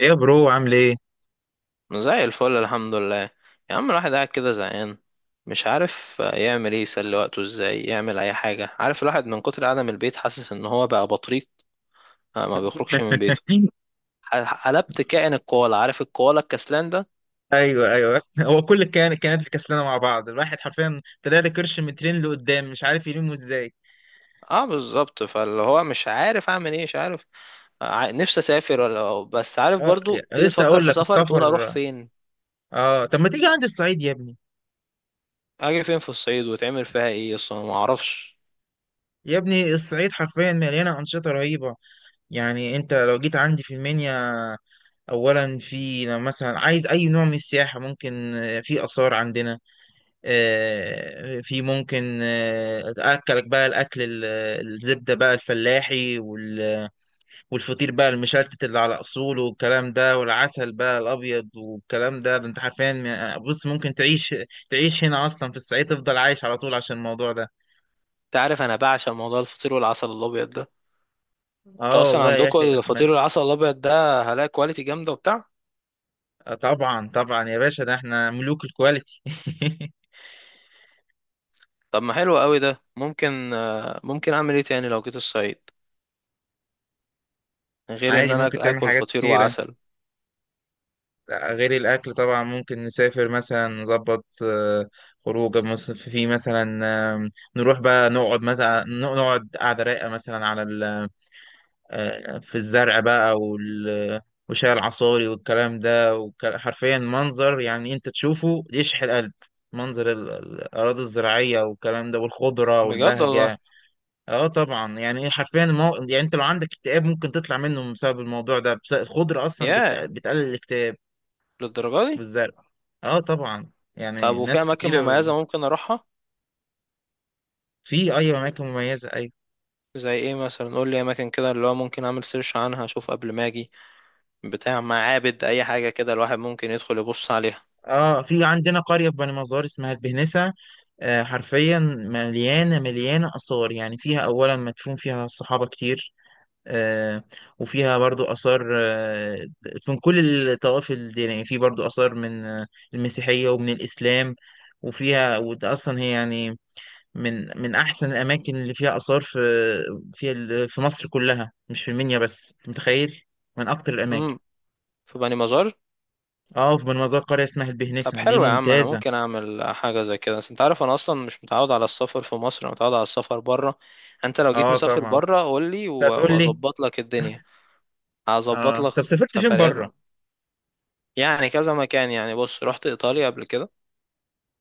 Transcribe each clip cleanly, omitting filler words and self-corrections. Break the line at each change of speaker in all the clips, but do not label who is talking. ايه يا برو عامل ايه؟
زي الفل الحمد لله. يا عم الواحد قاعد كده زهقان، مش عارف يعمل ايه، يسلي وقته ازاي، يعمل اي حاجة. عارف الواحد من كتر قعدة البيت حاسس ان هو بقى بطريق، ما بيخرجش من بيته. قلبت كائن الكوالا، عارف الكوالا الكسلان ده.
ايوه، ايوه، هو كل كانت في كسلانه مع بعض. الواحد حرفيا طلع لي كرش من ترين لقدام، مش عارف يلمه ازاي.
اه بالظبط، فاللي هو مش عارف اعمل ايه، مش عارف. نفسي اسافر ولا، بس عارف
اه،
برضو
يعني
تيجي
لسه
تفكر
اقول
في
لك
سفر تقول اروح
السفر.
فين.
اه، طب ما تيجي عندي الصعيد يا ابني.
اجي فين في الصعيد وتعمل فيها ايه اصلا، ما اعرفش.
يا ابني الصعيد حرفيا مليانه انشطه رهيبه. يعني انت لو جيت عندي في المنيا، اولا في، لو مثلا عايز اي نوع من السياحه، ممكن في اثار عندنا. في ممكن اكلك بقى الاكل الزبده بقى الفلاحي والفطير بقى المشلتت اللي على اصوله، والكلام ده، والعسل بقى الابيض والكلام ده. ده انت حرفيا بص، ممكن تعيش هنا اصلا في الصعيد، تفضل عايش على طول عشان الموضوع ده.
انت عارف انا بعشق موضوع الفطير والعسل الابيض ده. انتوا
اه
اصلا
والله يا
عندكم
اخي احمد.
الفطير العسل الابيض ده، هلاقي كواليتي جامده وبتاع؟
آه، طبعا طبعا يا باشا، ده احنا ملوك الكواليتي.
طب ما حلو قوي ده، ممكن اعمل ايه تاني لو جيت الصعيد، غير ان
عادي،
انا
ممكن تعمل
اكل
حاجات
فطير
كتيرة
وعسل؟
غير الأكل طبعا. ممكن نسافر مثلا، نظبط خروجة في مثلا، آم، نروح بقى نقعد قعدة رايقة مثلا على في الزرع بقى وشاي العصاري والكلام ده، حرفيا منظر، يعني انت تشوفه يشحن القلب. منظر الأراضي الزراعية والكلام ده، والخضرة
بجد والله.
والبهجة. اه طبعا، يعني ايه حرفيا يعني انت لو عندك اكتئاب ممكن تطلع منه بسبب الموضوع ده. بس الخضرة اصلا
ياه،
بتقلل الاكتئاب.
للدرجه دي؟
والزرع. اه طبعا.
طب
يعني
وفي
ناس
اماكن
كتيرة.
مميزه ممكن اروحها؟
في، ايوه، اماكن مميزة، ايوه.
زي ايه مثلا؟ قول لي اماكن كده اللي هو ممكن اعمل سيرش عنها اشوف قبل ما اجي، بتاع معابد اي حاجه كده الواحد ممكن يدخل يبص عليها.
اه، في عندنا قرية في بني مزار اسمها البهنسة. حرفيا مليانة مليانة آثار. يعني فيها أولا مدفون فيها الصحابة كتير. آه، وفيها برضو آثار. من كل الطوائف الدينية، في برضو آثار من المسيحية ومن الإسلام. وفيها، وده أصلا هي يعني من أحسن الأماكن اللي فيها آثار في في مصر كلها، مش في المنيا بس. أنت متخيل؟ من أكتر الأماكن.
امم. في بني مزار؟
اه، في مزار قرية اسمها
طب
البهنسة دي
حلو يا عم، انا
ممتازة.
ممكن اعمل حاجه زي كده، بس انت عارف انا اصلا مش متعود على السفر في مصر، انا متعود على السفر بره. انت لو جيت
اه
مسافر
طبعا.
بره قول لي،
أنت هتقول لي.
واظبط لك الدنيا، هظبط
اه،
لك.
طب سافرت فين
سفريات
بره؟
م- يعني كذا مكان. يعني بص، رحت ايطاليا قبل كده.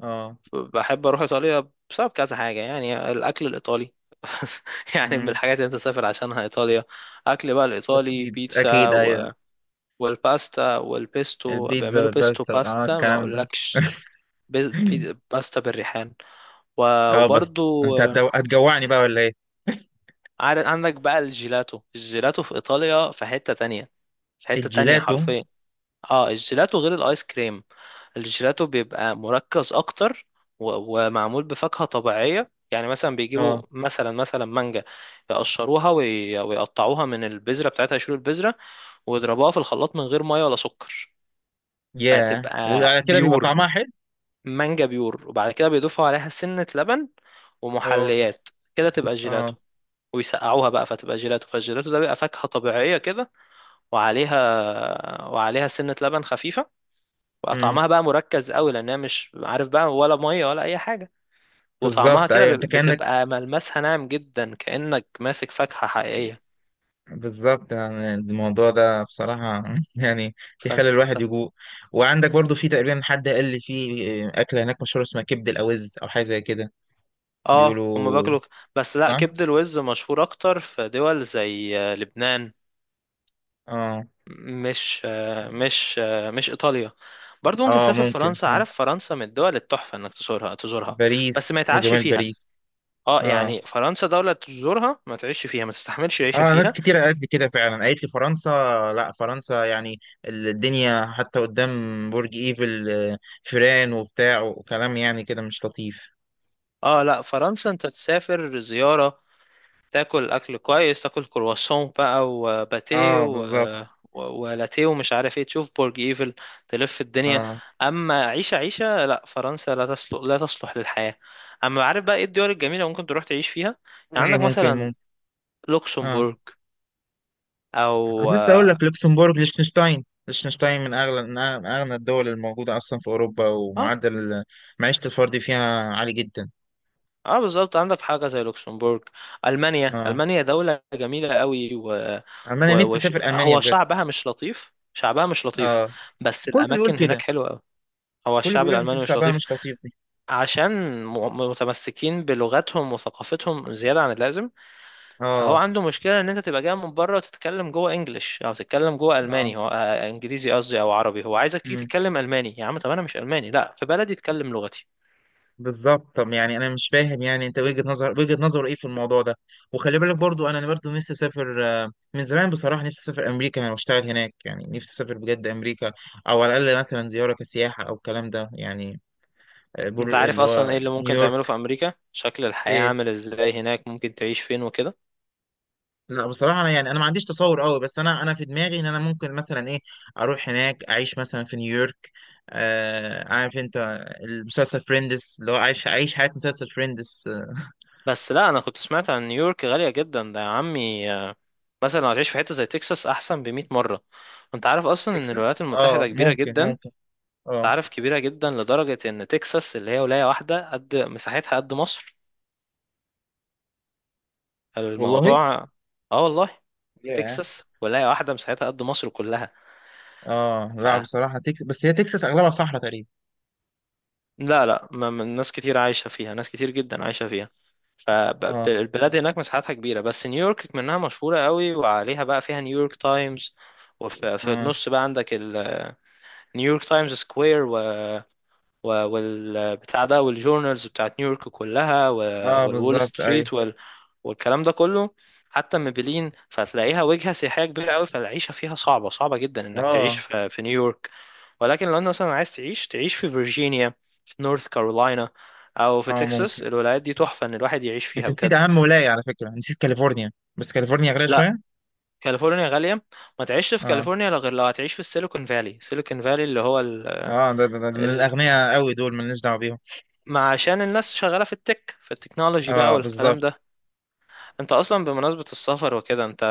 اه.
بحب اروح ايطاليا بسبب كذا حاجه، يعني الاكل الايطالي. يعني من
مم.
الحاجات اللي انت سافر عشانها ايطاليا. اكل بقى الايطالي،
أكيد،
بيتزا
أكيد، أيوة.
والباستا والبيستو،
البيتزا
بيعملوا بيستو
والباستا،
باستا ما
الكلام ده.
اقولكش. باستا بالريحان.
أه بس.
وبرضو
أنت هتجوعني بقى ولا إيه؟
عارف عندك بقى الجيلاتو، الجيلاتو في ايطاليا في حتة تانية، في حتة تانية
الجيلاتو.
حرفيا. اه، الجيلاتو غير الايس كريم. الجيلاتو بيبقى مركز اكتر، ومعمول بفاكهة طبيعية. يعني مثلا بيجيبوا
أه.
مثلا مانجا، يقشروها ويقطعوها من البذرة بتاعتها، يشيلوا البذرة ويضربوها في الخلاط من غير مية ولا سكر.
ياه،
فتبقى
وعلى كده بيبقى
بيور،
طعمها حلو.
مانجا بيور، وبعد كده بيضيفوا عليها سنة لبن
أه.
ومحليات. كده تبقى جيلاتو،
أه.
ويسقعوها بقى فتبقى جيلاتو. فالجيلاتو ده بيبقى فاكهة طبيعية كده، وعليها سنة لبن خفيفة، بقى
مم.
طعمها بقى مركز قوي، لأنها مش عارف بقى ولا مية ولا أي حاجة. وطعمها
بالظبط،
كده
أيوة، أنت كأنك.
بتبقى ملمسها ناعم جدا كأنك ماسك فاكهة حقيقية.
بالظبط، يعني الموضوع ده بصراحة يعني
ف...
تخلي
ف...
الواحد يجوع. وعندك برضو في تقريبا، حد قال لي في أكلة هناك مشهورة اسمها كبد الأوز أو حاجة زي كده.
اه، هم
بيقولوا.
بياكلوا بس لا،
صح؟
كبد الوز مشهور أكتر في دول زي لبنان،
أه.
مش إيطاليا. برضو ممكن
أه
تسافر
ممكن.
فرنسا. عارف، فرنسا من الدول التحفة إنك تزورها تزورها،
باريس
بس ما يتعشي
وجمال
فيها.
باريس.
اه
اه.
يعني فرنسا دولة تزورها ما تعيش فيها، ما تستحملش العيشة
اه، ناس
فيها.
كتير قالت لي كده فعلا، قالت لي فرنسا. لا فرنسا يعني الدنيا حتى قدام. برج ايفل، فيران وبتاع وكلام، يعني كده مش لطيف.
اه لا، فرنسا انت تسافر زيارة، تاكل اكل كويس، تاكل كرواسون بقى وباتيه
اه بالظبط.
ولاتيه ومش عارف ايه، تشوف برج ايفل، تلف الدنيا.
اه.
اما عيشة، عيشة لا، فرنسا لا تصلح، لا تصلح للحياة. اما عارف بقى ايه الدول الجميلة ممكن تروح تعيش فيها؟ يعني
هي
عندك
ممكن
مثلا
ممكن. اه،
لوكسمبورغ،
كنت
او...
لسه اقول لك لوكسمبورغ، ليechtenstein. ليechtenstein من اغلى من اغنى الدول الموجوده اصلا في اوروبا.
اه،
ومعدل معيشه الفرد فيها عالي جدا.
اه بالظبط، عندك حاجه زي لوكسمبورغ. المانيا،
اه.
المانيا دوله جميله قوي،
المانيا، نفسي اسافر المانيا
هو
بجد.
شعبها مش لطيف، شعبها مش لطيف،
اه.
بس
كله بيقول
الاماكن هناك
كده.
حلوه قوي. هو
كله
الشعب
بيقول حته
الالماني مش
شعبها
لطيف
مش لطيف.
عشان م... متمسكين بلغتهم وثقافتهم زياده عن اللازم. فهو
اه.
عنده مشكله ان انت تبقى جاي من بره وتتكلم جوه انجليش، او تتكلم جوه
اه.
الماني، هو انجليزي قصدي او عربي، هو عايزك تيجي
امم.
تتكلم الماني. يا عم، طب انا مش الماني، لا في بلدي اتكلم لغتي.
بالظبط. طب يعني انا مش فاهم، يعني انت وجهة نظر ايه في الموضوع ده. وخلي بالك برضو، انا برضو نفسي اسافر من زمان بصراحة. نفسي اسافر امريكا، يعني واشتغل هناك. يعني نفسي اسافر بجد امريكا، او على الاقل مثلا زيارة كسياحة او الكلام ده يعني.
انت
بور
عارف
اللي
اصلا
هو
ايه اللي ممكن تعمله
نيويورك.
في امريكا؟ شكل الحياة
ايه.
عامل ازاي هناك؟ ممكن تعيش فين وكده؟
لا بصراحة انا يعني، انا ما عنديش تصور قوي، بس انا في دماغي ان انا ممكن مثلا ايه، اروح هناك اعيش مثلا في نيويورك. آه عارف انت المسلسل فريندس، اللي هو عايش حياة مسلسل فريندس.
بس لا، انا كنت سمعت عن نيويورك غالية جدا ده يا عمي. مثلا لو هتعيش في حتة زي تكساس احسن ب100 مرة. انت عارف اصلا ان الولايات
تكساس، اه
المتحدة كبيرة
ممكن
جدا؟
ممكن.
انت
اه.
عارف كبيرة جدا لدرجة ان تكساس اللي هي ولاية واحدة قد مساحتها قد مصر،
والله.
الموضوع. اه والله،
ياه.
تكساس ولاية واحدة مساحتها قد مصر كلها.
اه، لا بصراحة تكساس، بس هي تكساس اغلبها صحراء تقريبا.
لا لا، ناس كتير عايشة فيها، ناس كتير جدا عايشة فيها.
اه.
فالبلاد هناك مساحتها كبيرة، بس نيويورك منها مشهورة قوي وعليها بقى، فيها نيويورك تايمز، وفي
اه.
النص بقى عندك نيويورك تايمز سكوير والبتاع ده والجورنالز بتاعت نيويورك كلها
اه
والول
بالظبط، ايوه.
ستريت والكلام ده كله. حتى ميبلين فتلاقيها وجهة سياحية كبيرة قوي، فالعيشة فيها صعبة، صعبة جدا انك تعيش
اه.
في نيويورك. ولكن لو انت مثلا عايز تعيش، تعيش في فيرجينيا، في نورث كارولاينا، او في
اه
تكساس.
ممكن.
الولايات دي تحفة ان الواحد يعيش فيها
انت نسيت
بجد.
اهم ولاية على فكرة، نسيت كاليفورنيا. بس كاليفورنيا غالية
لا،
شوية.
كاليفورنيا غالية، ما تعيش في
اه.
كاليفورنيا لا، غير لو هتعيش في السيليكون فالي، سيليكون فالي اللي هو
اه، ده
ال...
الاغنياء قوي، دول مالناش دعوة بيهم.
ما عشان الناس شغالة في التكنولوجي بقى
اه
والكلام
بالظبط.
ده. انت اصلا، بمناسبة السفر وكده، انت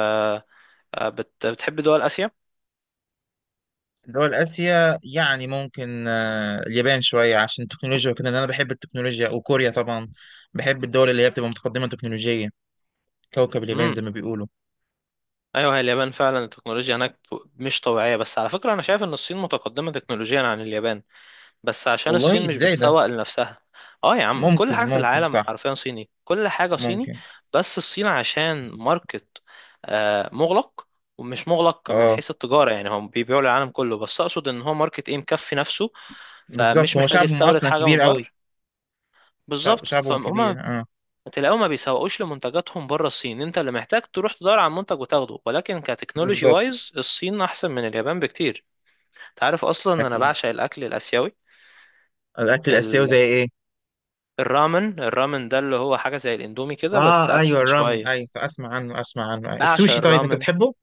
بتحب دول اسيا؟
دول اسيا، يعني ممكن، آه، اليابان شوية عشان التكنولوجيا وكده لان انا بحب التكنولوجيا، وكوريا طبعا. بحب الدول اللي هي بتبقى متقدمة تكنولوجيا. كوكب اليابان
امم.
زي ما بيقولوا.
ايوه، هي اليابان فعلا التكنولوجيا هناك مش طبيعية، بس على فكرة انا شايف ان الصين متقدمة تكنولوجيا عن اليابان، بس عشان
والله
الصين مش
ازاي ده؟
بتسوق لنفسها. اه يا عم، كل
ممكن،
حاجة في
ممكن
العالم
صح.
حرفيا صيني، كل حاجة صيني.
ممكن.
بس الصين عشان ماركت مغلق، ومش مغلق من
اه
حيث التجارة، يعني هم بيبيعوا للعالم كله، بس اقصد ان هو ماركت ايه مكفي نفسه،
بالظبط،
فمش
هو
محتاج
شعبهم
يستورد
اصلا
حاجة من
كبير
بره.
قوي. شعب
بالظبط.
شعبهم
فهم
كبير، اه.
تلاقيهم ما بيسوقوش لمنتجاتهم بره الصين، انت اللي محتاج تروح تدور على منتج وتاخده. ولكن كتكنولوجي
بالظبط.
وايز، الصين احسن من اليابان بكتير. تعرف اصلا ان انا
اكيد.
بعشق الاكل الاسيوي؟
الاكل الاسيوي زي ايه؟
الرامن، الرامن ده اللي هو حاجة زي الاندومي كده، بس
اه، ايوه
أدفن
الرامن،
شوية.
ايوه، اسمع عنه، اسمع عنه.
بعشق
السوشي طيب انت
الرامن.
بتحبه؟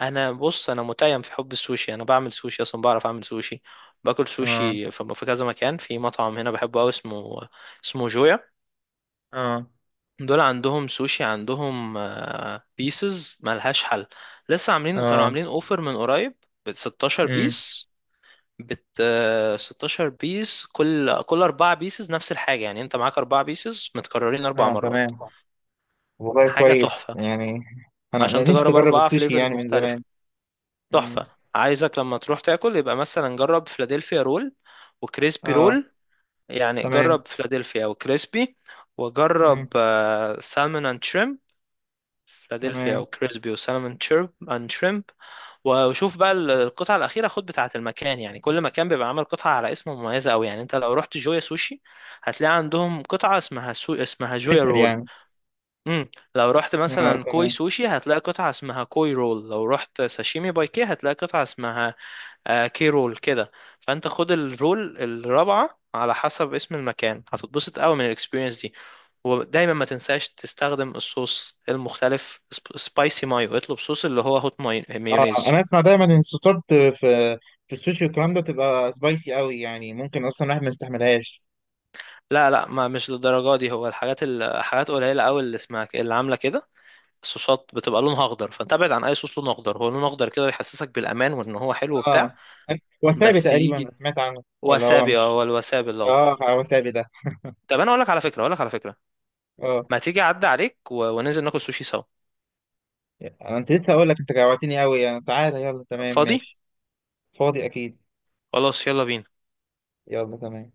أنا بص، أنا متيم في حب السوشي، أنا بعمل سوشي أصلا، بعرف أعمل سوشي. باكل
اه.
سوشي في كذا مكان، في مطعم هنا بحبه أوي اسمه جويا.
اه.
دول عندهم سوشي، عندهم بيسز ملهاش حل. لسه عاملين كانوا
اه.
عاملين اوفر من قريب ب 16
امم.
بيس. بت آه، 16 بيس، كل اربعة بيسز نفس الحاجة، يعني انت معاك اربعة بيسز متكررين اربع
اه
مرات.
تمام. والله
حاجة
كويس
تحفة،
يعني. أنا
عشان
نفسي
تجرب
اجرب
أربع
السوشي
فليفرز
يعني من
مختلفة.
زمان. امم.
تحفة. عايزك لما تروح تاكل يبقى مثلا جرب فلادلفيا رول وكريسبي
اه
رول، يعني
تمام.
جرب فلادلفيا وكريسبي،
امم.
وجرب سالمون اند شريمب. فلادلفيا
تمام.
وكريسبي وسالمون اند شريمب. وشوف بقى القطعة الأخيرة، خد بتاعة المكان، يعني كل مكان بيبقى عامل قطعة على اسم مميزة أوي. يعني أنت لو رحت جويا سوشي هتلاقي عندهم قطعة اسمها اسمها جويا
فشل
رول.
يعني.
امم. لو رحت
اه
مثلا كوي
تمام.
سوشي هتلاقي قطعة اسمها كوي رول. لو رحت ساشيمي باي كي هتلاقي قطعة اسمها كي رول كده. فانت خد الرول الرابعة على حسب اسم المكان، هتتبسط قوي من الاكسبيرينس دي. ودايما ما تنساش تستخدم الصوص المختلف، سبايسي مايو، اطلب صوص اللي هو هوت
اه،
مايونيز.
انا اسمع دايما ان الصوصات في السوشي والكلام ده بتبقى سبايسي قوي، يعني ممكن اصلا الواحد ما يستحملهاش.
لا لا، ما مش للدرجة دي، هو الحاجات، قليلة قوي اللي اسمها اللي عاملة كده. الصوصات بتبقى لونها اخضر، فانت ابعد عن اي صوص لونه اخضر. هو لونه اخضر كده يحسسك بالامان وان هو حلو
اه
وبتاع،
وسابي
بس
تقريبا
يجي
سمعت عنه، ولا هو
وسابي. اه
مش.
هو الوسابي الاخضر.
اه وسابي ده.
طب انا اقول لك على فكره، اقول لك على فكره،
اه
ما تيجي اعدي عليك وننزل ناكل سوشي سوا.
يعني انا، انت لسه اقول لك انت جوعتني قوي يعني. تعالى يلا، تمام
فاضي،
ماشي. فاضي اكيد.
خلاص يلا بينا.
يلا تمام.